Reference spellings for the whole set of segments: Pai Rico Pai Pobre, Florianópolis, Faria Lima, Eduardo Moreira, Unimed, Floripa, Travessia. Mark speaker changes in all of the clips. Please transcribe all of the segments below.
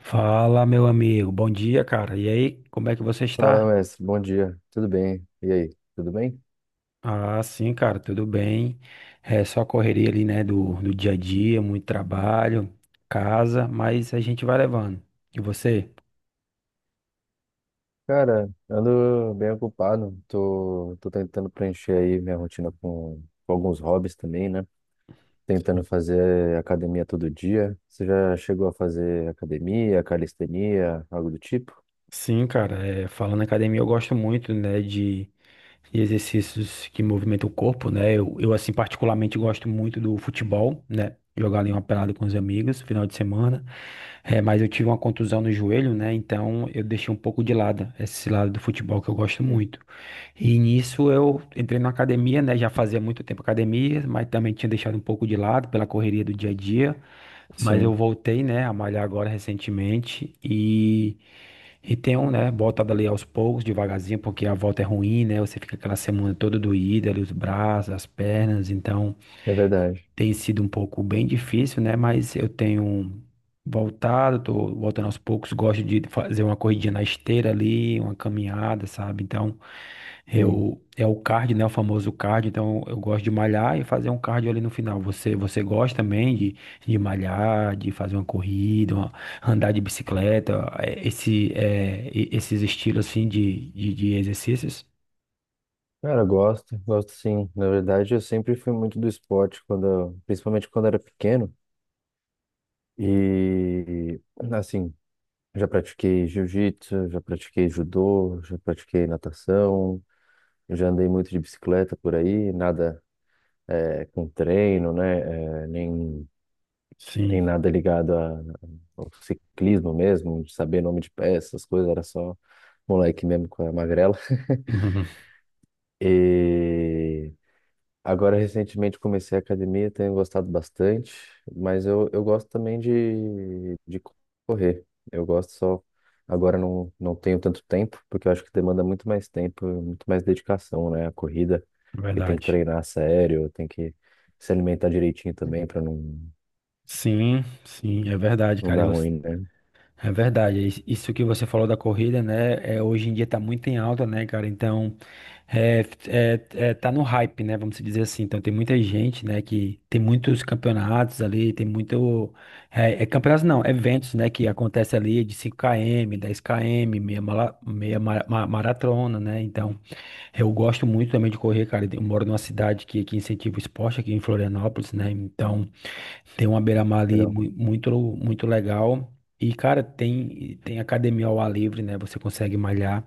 Speaker 1: Fala, meu amigo. Bom dia, cara. E aí, como é que você
Speaker 2: Fala,
Speaker 1: está?
Speaker 2: mestre. Bom dia. Tudo bem? E aí? Tudo bem?
Speaker 1: Ah, sim, cara, tudo bem. É só correria ali, né, do dia a dia, muito trabalho, casa, mas a gente vai levando. E você?
Speaker 2: Cara, ando bem ocupado. Tô tentando preencher aí minha rotina com alguns hobbies também, né? Tentando fazer academia todo dia. Você já chegou a fazer academia, calistenia, algo do tipo?
Speaker 1: Sim, cara, é, falando em academia, eu gosto muito, né, de e exercícios que movimentam o corpo, né? Assim, particularmente gosto muito do futebol, né? Jogar ali uma pelada com os amigos, final de semana. É, mas eu tive uma contusão no joelho, né? Então eu deixei um pouco de lado esse lado do futebol que eu gosto
Speaker 2: Sim,
Speaker 1: muito. E nisso eu entrei na academia, né? Já fazia muito tempo academia, mas também tinha deixado um pouco de lado pela correria do dia a dia. Mas eu
Speaker 2: sim,
Speaker 1: voltei, né, a malhar agora recentemente e tem um, né, botado ali aos poucos, devagarzinho, porque a volta é ruim, né? Você fica aquela semana toda doída ali, os braços, as pernas, então
Speaker 2: é verdade.
Speaker 1: tem sido um pouco bem difícil, né? Mas eu tenho voltado, tô voltando aos poucos, gosto de fazer uma corridinha na esteira ali, uma caminhada, sabe? Então,
Speaker 2: Sim.
Speaker 1: eu é o cardio, né? O famoso cardio. Então, eu gosto de malhar e fazer um cardio ali no final. Você gosta também de malhar, de fazer uma corrida, uma- andar de bicicleta, esse esses estilos assim de, de exercícios?
Speaker 2: Cara, eu gosto, gosto sim. Na verdade, eu sempre fui muito do esporte, principalmente quando eu era pequeno. E assim, Já pratiquei jiu-jitsu, já pratiquei judô, já pratiquei natação, já andei muito de bicicleta por aí, nada com treino, né? eh, nem, nem
Speaker 1: Sim,
Speaker 2: nada ligado ao ciclismo mesmo, de saber nome de peças, essas coisas, era só moleque mesmo com a magrela. E Agora, recentemente, comecei a academia, tenho gostado bastante, mas eu gosto também de correr. Eu gosto só. Agora não, não tenho tanto tempo, porque eu acho que demanda muito mais tempo, muito mais dedicação, né? A corrida, porque tem que
Speaker 1: verdade.
Speaker 2: treinar a sério, tem que se alimentar direitinho também para não,
Speaker 1: Sim, sim, é verdade,
Speaker 2: não
Speaker 1: cara. E
Speaker 2: dar
Speaker 1: você
Speaker 2: ruim, né?
Speaker 1: é verdade, isso que você falou da corrida, né? É, hoje em dia tá muito em alta, né, cara? Então, é, é, é, tá no hype, né? Vamos dizer assim. Então, tem muita gente, né, que tem muitos campeonatos ali, tem muito. É, é campeonatos não, eventos, né, que acontece ali de 5 km, 10 km, meia, maratona, né? Então, eu gosto muito também de correr, cara. Eu moro numa cidade que incentiva o esporte aqui em Florianópolis, né? Então. Tem uma beira-mar ali
Speaker 2: Legal,
Speaker 1: muito, muito legal. E, cara, tem, tem academia ao ar livre, né? Você consegue malhar,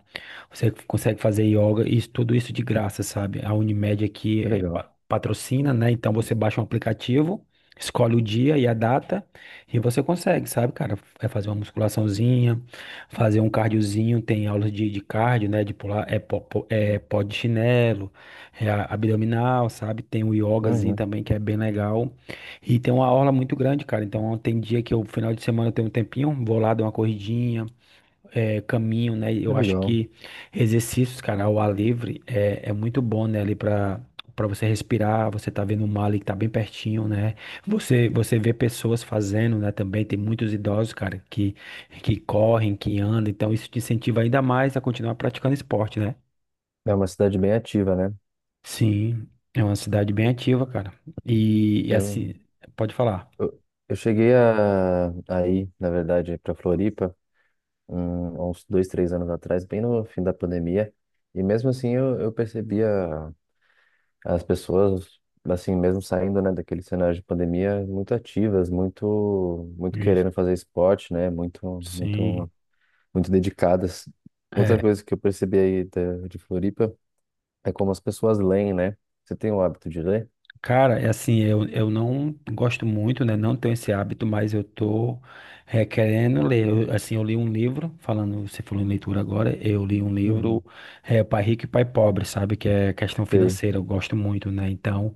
Speaker 1: você consegue fazer yoga, isso, tudo isso de graça, sabe? A Unimed aqui
Speaker 2: que
Speaker 1: é,
Speaker 2: legal.
Speaker 1: patrocina, né? Então você baixa um aplicativo, escolhe o dia e a data, e você consegue, sabe, cara? É fazer uma musculaçãozinha, fazer um cardiozinho, tem aulas de cardio, né? De pular, é, é pó de chinelo, é abdominal, sabe? Tem o yogazinho
Speaker 2: Uhum,
Speaker 1: também, que é bem legal. E tem uma orla muito grande, cara. Então tem dia que eu, final de semana, eu tenho um tempinho, vou lá, dou uma corridinha, caminho, né?
Speaker 2: que
Speaker 1: Eu acho
Speaker 2: legal.
Speaker 1: que exercícios, cara, ao ar livre é, é muito bom, né? Ali pra, pra você respirar, você tá vendo o mar ali que tá bem pertinho, né? Você vê pessoas fazendo, né? Também tem muitos idosos, cara, que correm, que andam. Então isso te incentiva ainda mais a continuar praticando esporte, né?
Speaker 2: É uma cidade bem ativa, né?
Speaker 1: Sim, é uma cidade bem ativa, cara. E
Speaker 2: Eu,
Speaker 1: assim, pode falar.
Speaker 2: eu, eu cheguei a ir, na verdade, para Floripa. Há uns dois, três anos atrás, bem no fim da pandemia. E mesmo assim eu percebia as pessoas, assim, mesmo saindo, né, daquele cenário de pandemia, muito ativas, muito, muito
Speaker 1: Isso.
Speaker 2: querendo fazer esporte, né,
Speaker 1: Sim,
Speaker 2: muito dedicadas. Outra
Speaker 1: é,
Speaker 2: coisa que eu percebi de Floripa é como as pessoas leem, né? Você tem o hábito de ler?
Speaker 1: cara, é assim, eu não gosto muito, né? Não tenho esse hábito, mas eu tô requerendo ler. Eu, assim, eu li um livro, falando, você falou em leitura agora, eu li um livro,
Speaker 2: Uhum.
Speaker 1: é, Pai Rico e Pai Pobre, sabe? Que é questão
Speaker 2: Sei,
Speaker 1: financeira, eu gosto muito, né? Então,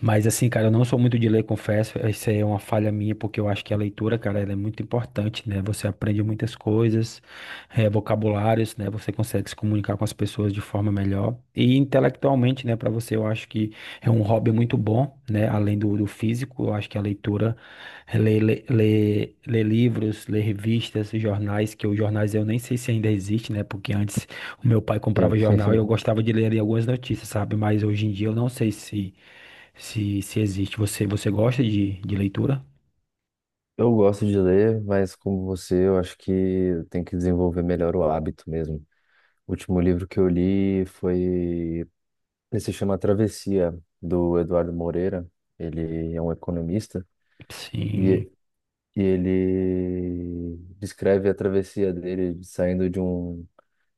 Speaker 1: mas assim, cara, eu não sou muito de ler, confesso, isso aí é uma falha minha, porque eu acho que a leitura, cara, ela é muito importante, né? Você aprende muitas coisas, é, vocabulários, né? Você consegue se comunicar com as pessoas de forma melhor. E intelectualmente, né, para você, eu acho que é um hobby muito bom, né? Além do físico, eu acho que a leitura, é, ler livros, ler revistas, jornais, que os jornais eu nem sei se ainda existe, né? Porque antes o meu pai
Speaker 2: sim.
Speaker 1: comprava jornal e eu gostava de ler ali algumas notícias, sabe? Mas hoje em dia eu não sei se se existe. Você gosta de leitura?
Speaker 2: Eu gosto de ler, mas como você, eu acho que tem que desenvolver melhor o hábito mesmo. O último livro que eu li foi. Ele se chama Travessia, do Eduardo Moreira. Ele é um economista
Speaker 1: Sim.
Speaker 2: e, e ele descreve a travessia dele saindo de um,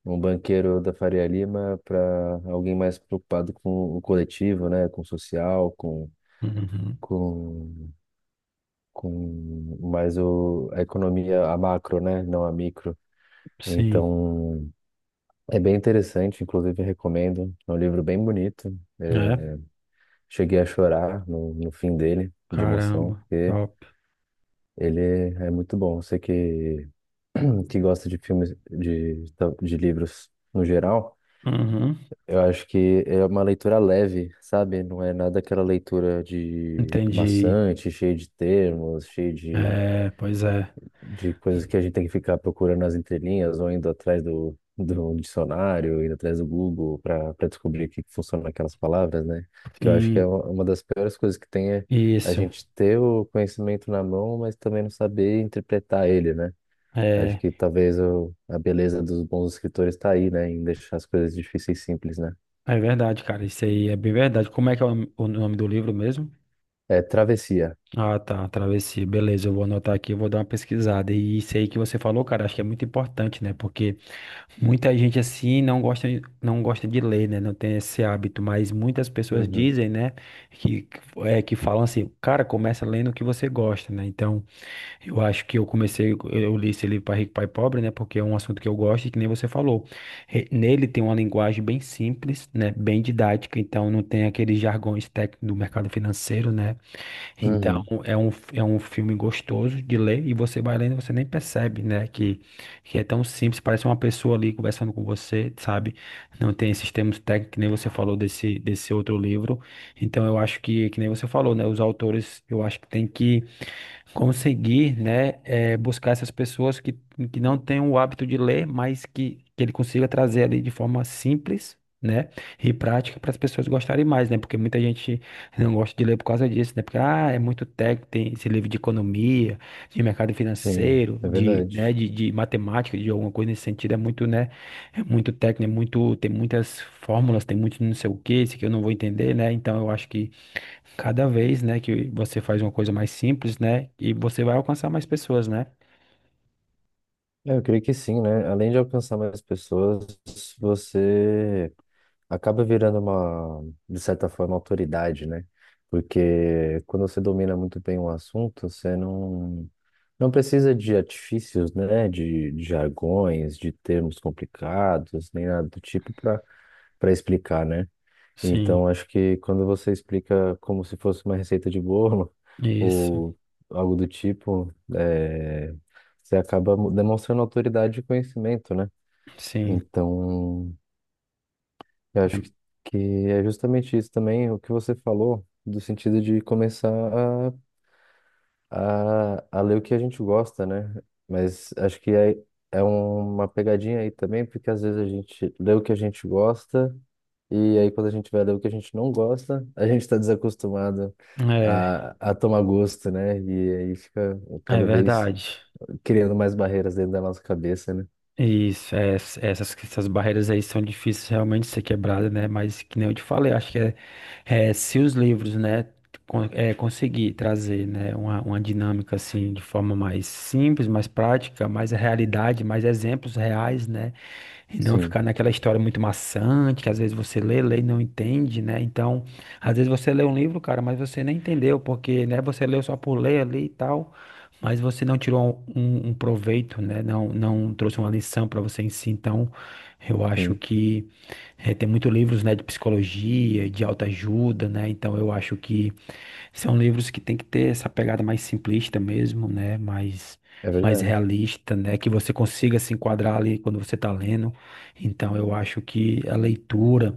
Speaker 2: um banqueiro da Faria Lima para alguém mais preocupado com o coletivo, né? Com o social,
Speaker 1: Uhum.
Speaker 2: com, com mais a economia, a macro, né? Não a micro.
Speaker 1: Sim.
Speaker 2: Então, é bem interessante, inclusive recomendo. É um livro bem bonito.
Speaker 1: É.
Speaker 2: Cheguei a chorar no, no fim dele, de emoção,
Speaker 1: Caramba.
Speaker 2: porque
Speaker 1: Top.
Speaker 2: ele é muito bom. Que gosta de filmes, de livros no geral,
Speaker 1: Uhum.
Speaker 2: eu acho que é uma leitura leve, sabe? Não é nada aquela leitura de
Speaker 1: Entendi.
Speaker 2: maçante, cheia de termos, cheia
Speaker 1: É, pois é.
Speaker 2: de coisas que a gente tem que ficar procurando nas entrelinhas ou indo atrás do, do dicionário, indo atrás do Google para para descobrir o que que funciona aquelas palavras, né? Que eu acho que é
Speaker 1: Sim.
Speaker 2: uma das piores coisas que tem é a
Speaker 1: Isso.
Speaker 2: gente ter o conhecimento na mão, mas também não saber interpretar ele, né? Acho
Speaker 1: É.
Speaker 2: que talvez a beleza dos bons escritores está aí, né? Em deixar as coisas difíceis e simples, né?
Speaker 1: É verdade, cara. Isso aí é bem verdade. Como é que é o nome do livro mesmo?
Speaker 2: É travessia.
Speaker 1: Ah, tá. Travessia. Beleza, eu vou anotar aqui, eu vou dar uma pesquisada. E isso aí que você falou, cara, acho que é muito importante, né? Porque muita gente assim não gosta, não gosta de ler, né? Não tem esse hábito. Mas muitas pessoas
Speaker 2: Uhum.
Speaker 1: dizem, né? Que, é, que falam assim, cara, começa lendo o que você gosta, né? Então. Eu acho que eu comecei, eu li esse livro Pai Rico, Pai Pobre, né? Porque é um assunto que eu gosto e que nem você falou. Nele tem uma linguagem bem simples, né? Bem didática, então não tem aqueles jargões técnicos do mercado financeiro, né? Então
Speaker 2: Uhum.
Speaker 1: é um filme gostoso de ler e você vai lendo e você nem percebe, né? Que é tão simples, parece uma pessoa ali conversando com você, sabe? Não tem esses termos técnicos, que nem você falou desse, desse outro livro. Então eu acho que nem você falou, né? Os autores, eu acho que tem que conseguir, né, buscar essas pessoas que não têm o hábito de ler, mas que ele consiga trazer ali de forma simples, né, e prática para as pessoas gostarem mais, né, porque muita gente não gosta de ler por causa disso, né, porque, ah, é muito técnico, tem esse livro de economia, de mercado
Speaker 2: Sim,
Speaker 1: financeiro,
Speaker 2: é
Speaker 1: de,
Speaker 2: verdade.
Speaker 1: né, de matemática, de alguma coisa nesse sentido, é muito, né, é muito técnico, é muito, tem muitas fórmulas, tem muito não sei o que, isso que eu não vou entender, né, então eu acho que cada vez, né, que você faz uma coisa mais simples, né, e você vai alcançar mais pessoas, né?
Speaker 2: É, eu creio que sim, né? Além de alcançar mais pessoas, você acaba virando uma, de certa forma, autoridade, né? Porque quando você domina muito bem um assunto, você não, não precisa de artifícios, né? De jargões, de termos complicados, nem nada do tipo para para explicar, né?
Speaker 1: Sim,
Speaker 2: Então, acho que quando você explica como se fosse uma receita de bolo
Speaker 1: isso.
Speaker 2: ou algo do tipo, é, você acaba demonstrando autoridade e conhecimento, né?
Speaker 1: Sim,
Speaker 2: Então, eu acho que é justamente isso também, o que você falou, do sentido de começar a, a ler o que a gente gosta, né? Mas acho que é, é uma pegadinha aí também, porque às vezes a gente lê o que a gente gosta, e aí quando a gente vai ler o que a gente não gosta, a gente está desacostumado
Speaker 1: é,
Speaker 2: a tomar gosto, né? E aí fica
Speaker 1: é
Speaker 2: cada vez
Speaker 1: verdade.
Speaker 2: criando mais barreiras dentro da nossa cabeça, né?
Speaker 1: Isso, é, essas, essas barreiras aí são difíceis realmente de ser quebradas, né? Mas que nem eu te falei, acho que é, é, se os livros, né, é, conseguir trazer, né, uma dinâmica assim de forma mais simples, mais prática, mais realidade, mais exemplos reais, né? E não
Speaker 2: Sim,
Speaker 1: ficar naquela história muito maçante, que às vezes você lê, lê e não entende, né? Então, às vezes você lê um livro, cara, mas você nem entendeu, porque, né, você leu só por ler ali e tal, mas você não tirou um, um proveito, né? Não, não trouxe uma lição para você em si. Então, eu acho
Speaker 2: sim,
Speaker 1: que tem muitos livros, né, de psicologia, de autoajuda, né? Então, eu acho que são livros que tem que ter essa pegada mais simplista mesmo, né? Mais,
Speaker 2: é
Speaker 1: mais
Speaker 2: verdade.
Speaker 1: realista, né? Que você consiga se enquadrar ali quando você está lendo. Então, eu acho que a leitura,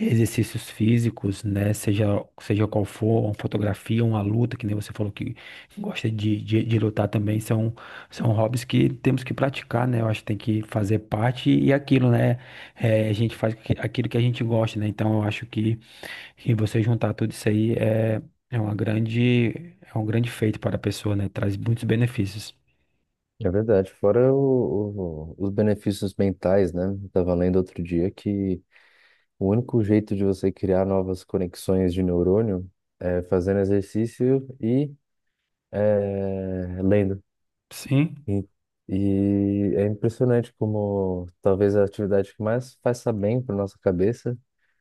Speaker 1: exercícios físicos, né? Seja, seja qual for, uma fotografia, uma luta, que nem você falou que gosta de, de lutar também, são, são hobbies que temos que praticar, né? Eu acho que tem que fazer parte e é aquilo, né? É, a gente faz aquilo que a gente gosta, né? Então, eu acho que. E você juntar tudo isso aí é, é uma grande, é um grande feito para a pessoa, né? Traz muitos benefícios.
Speaker 2: É verdade, fora os benefícios mentais, né? Eu tava lendo outro dia que o único jeito de você criar novas conexões de neurônio é fazendo exercício e é, lendo.
Speaker 1: Sim,
Speaker 2: E, e é impressionante como talvez a atividade que mais faça bem para nossa cabeça,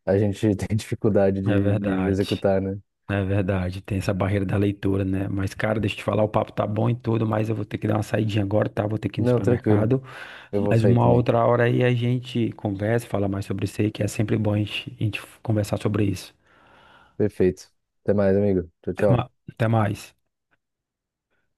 Speaker 2: a gente tem dificuldade
Speaker 1: é
Speaker 2: de
Speaker 1: verdade.
Speaker 2: executar, né?
Speaker 1: É verdade. Tem essa barreira da leitura, né? Mas, cara, deixa eu te falar, o papo tá bom e tudo, mas eu vou ter que dar uma saidinha agora, tá? Vou ter que ir no
Speaker 2: Não, tranquilo,
Speaker 1: supermercado.
Speaker 2: eu vou
Speaker 1: Mas
Speaker 2: sair
Speaker 1: uma
Speaker 2: também.
Speaker 1: outra hora aí a gente conversa, fala mais sobre isso aí, que é sempre bom a gente conversar sobre isso.
Speaker 2: Perfeito. Até mais, amigo. Tchau, tchau.
Speaker 1: Até mais.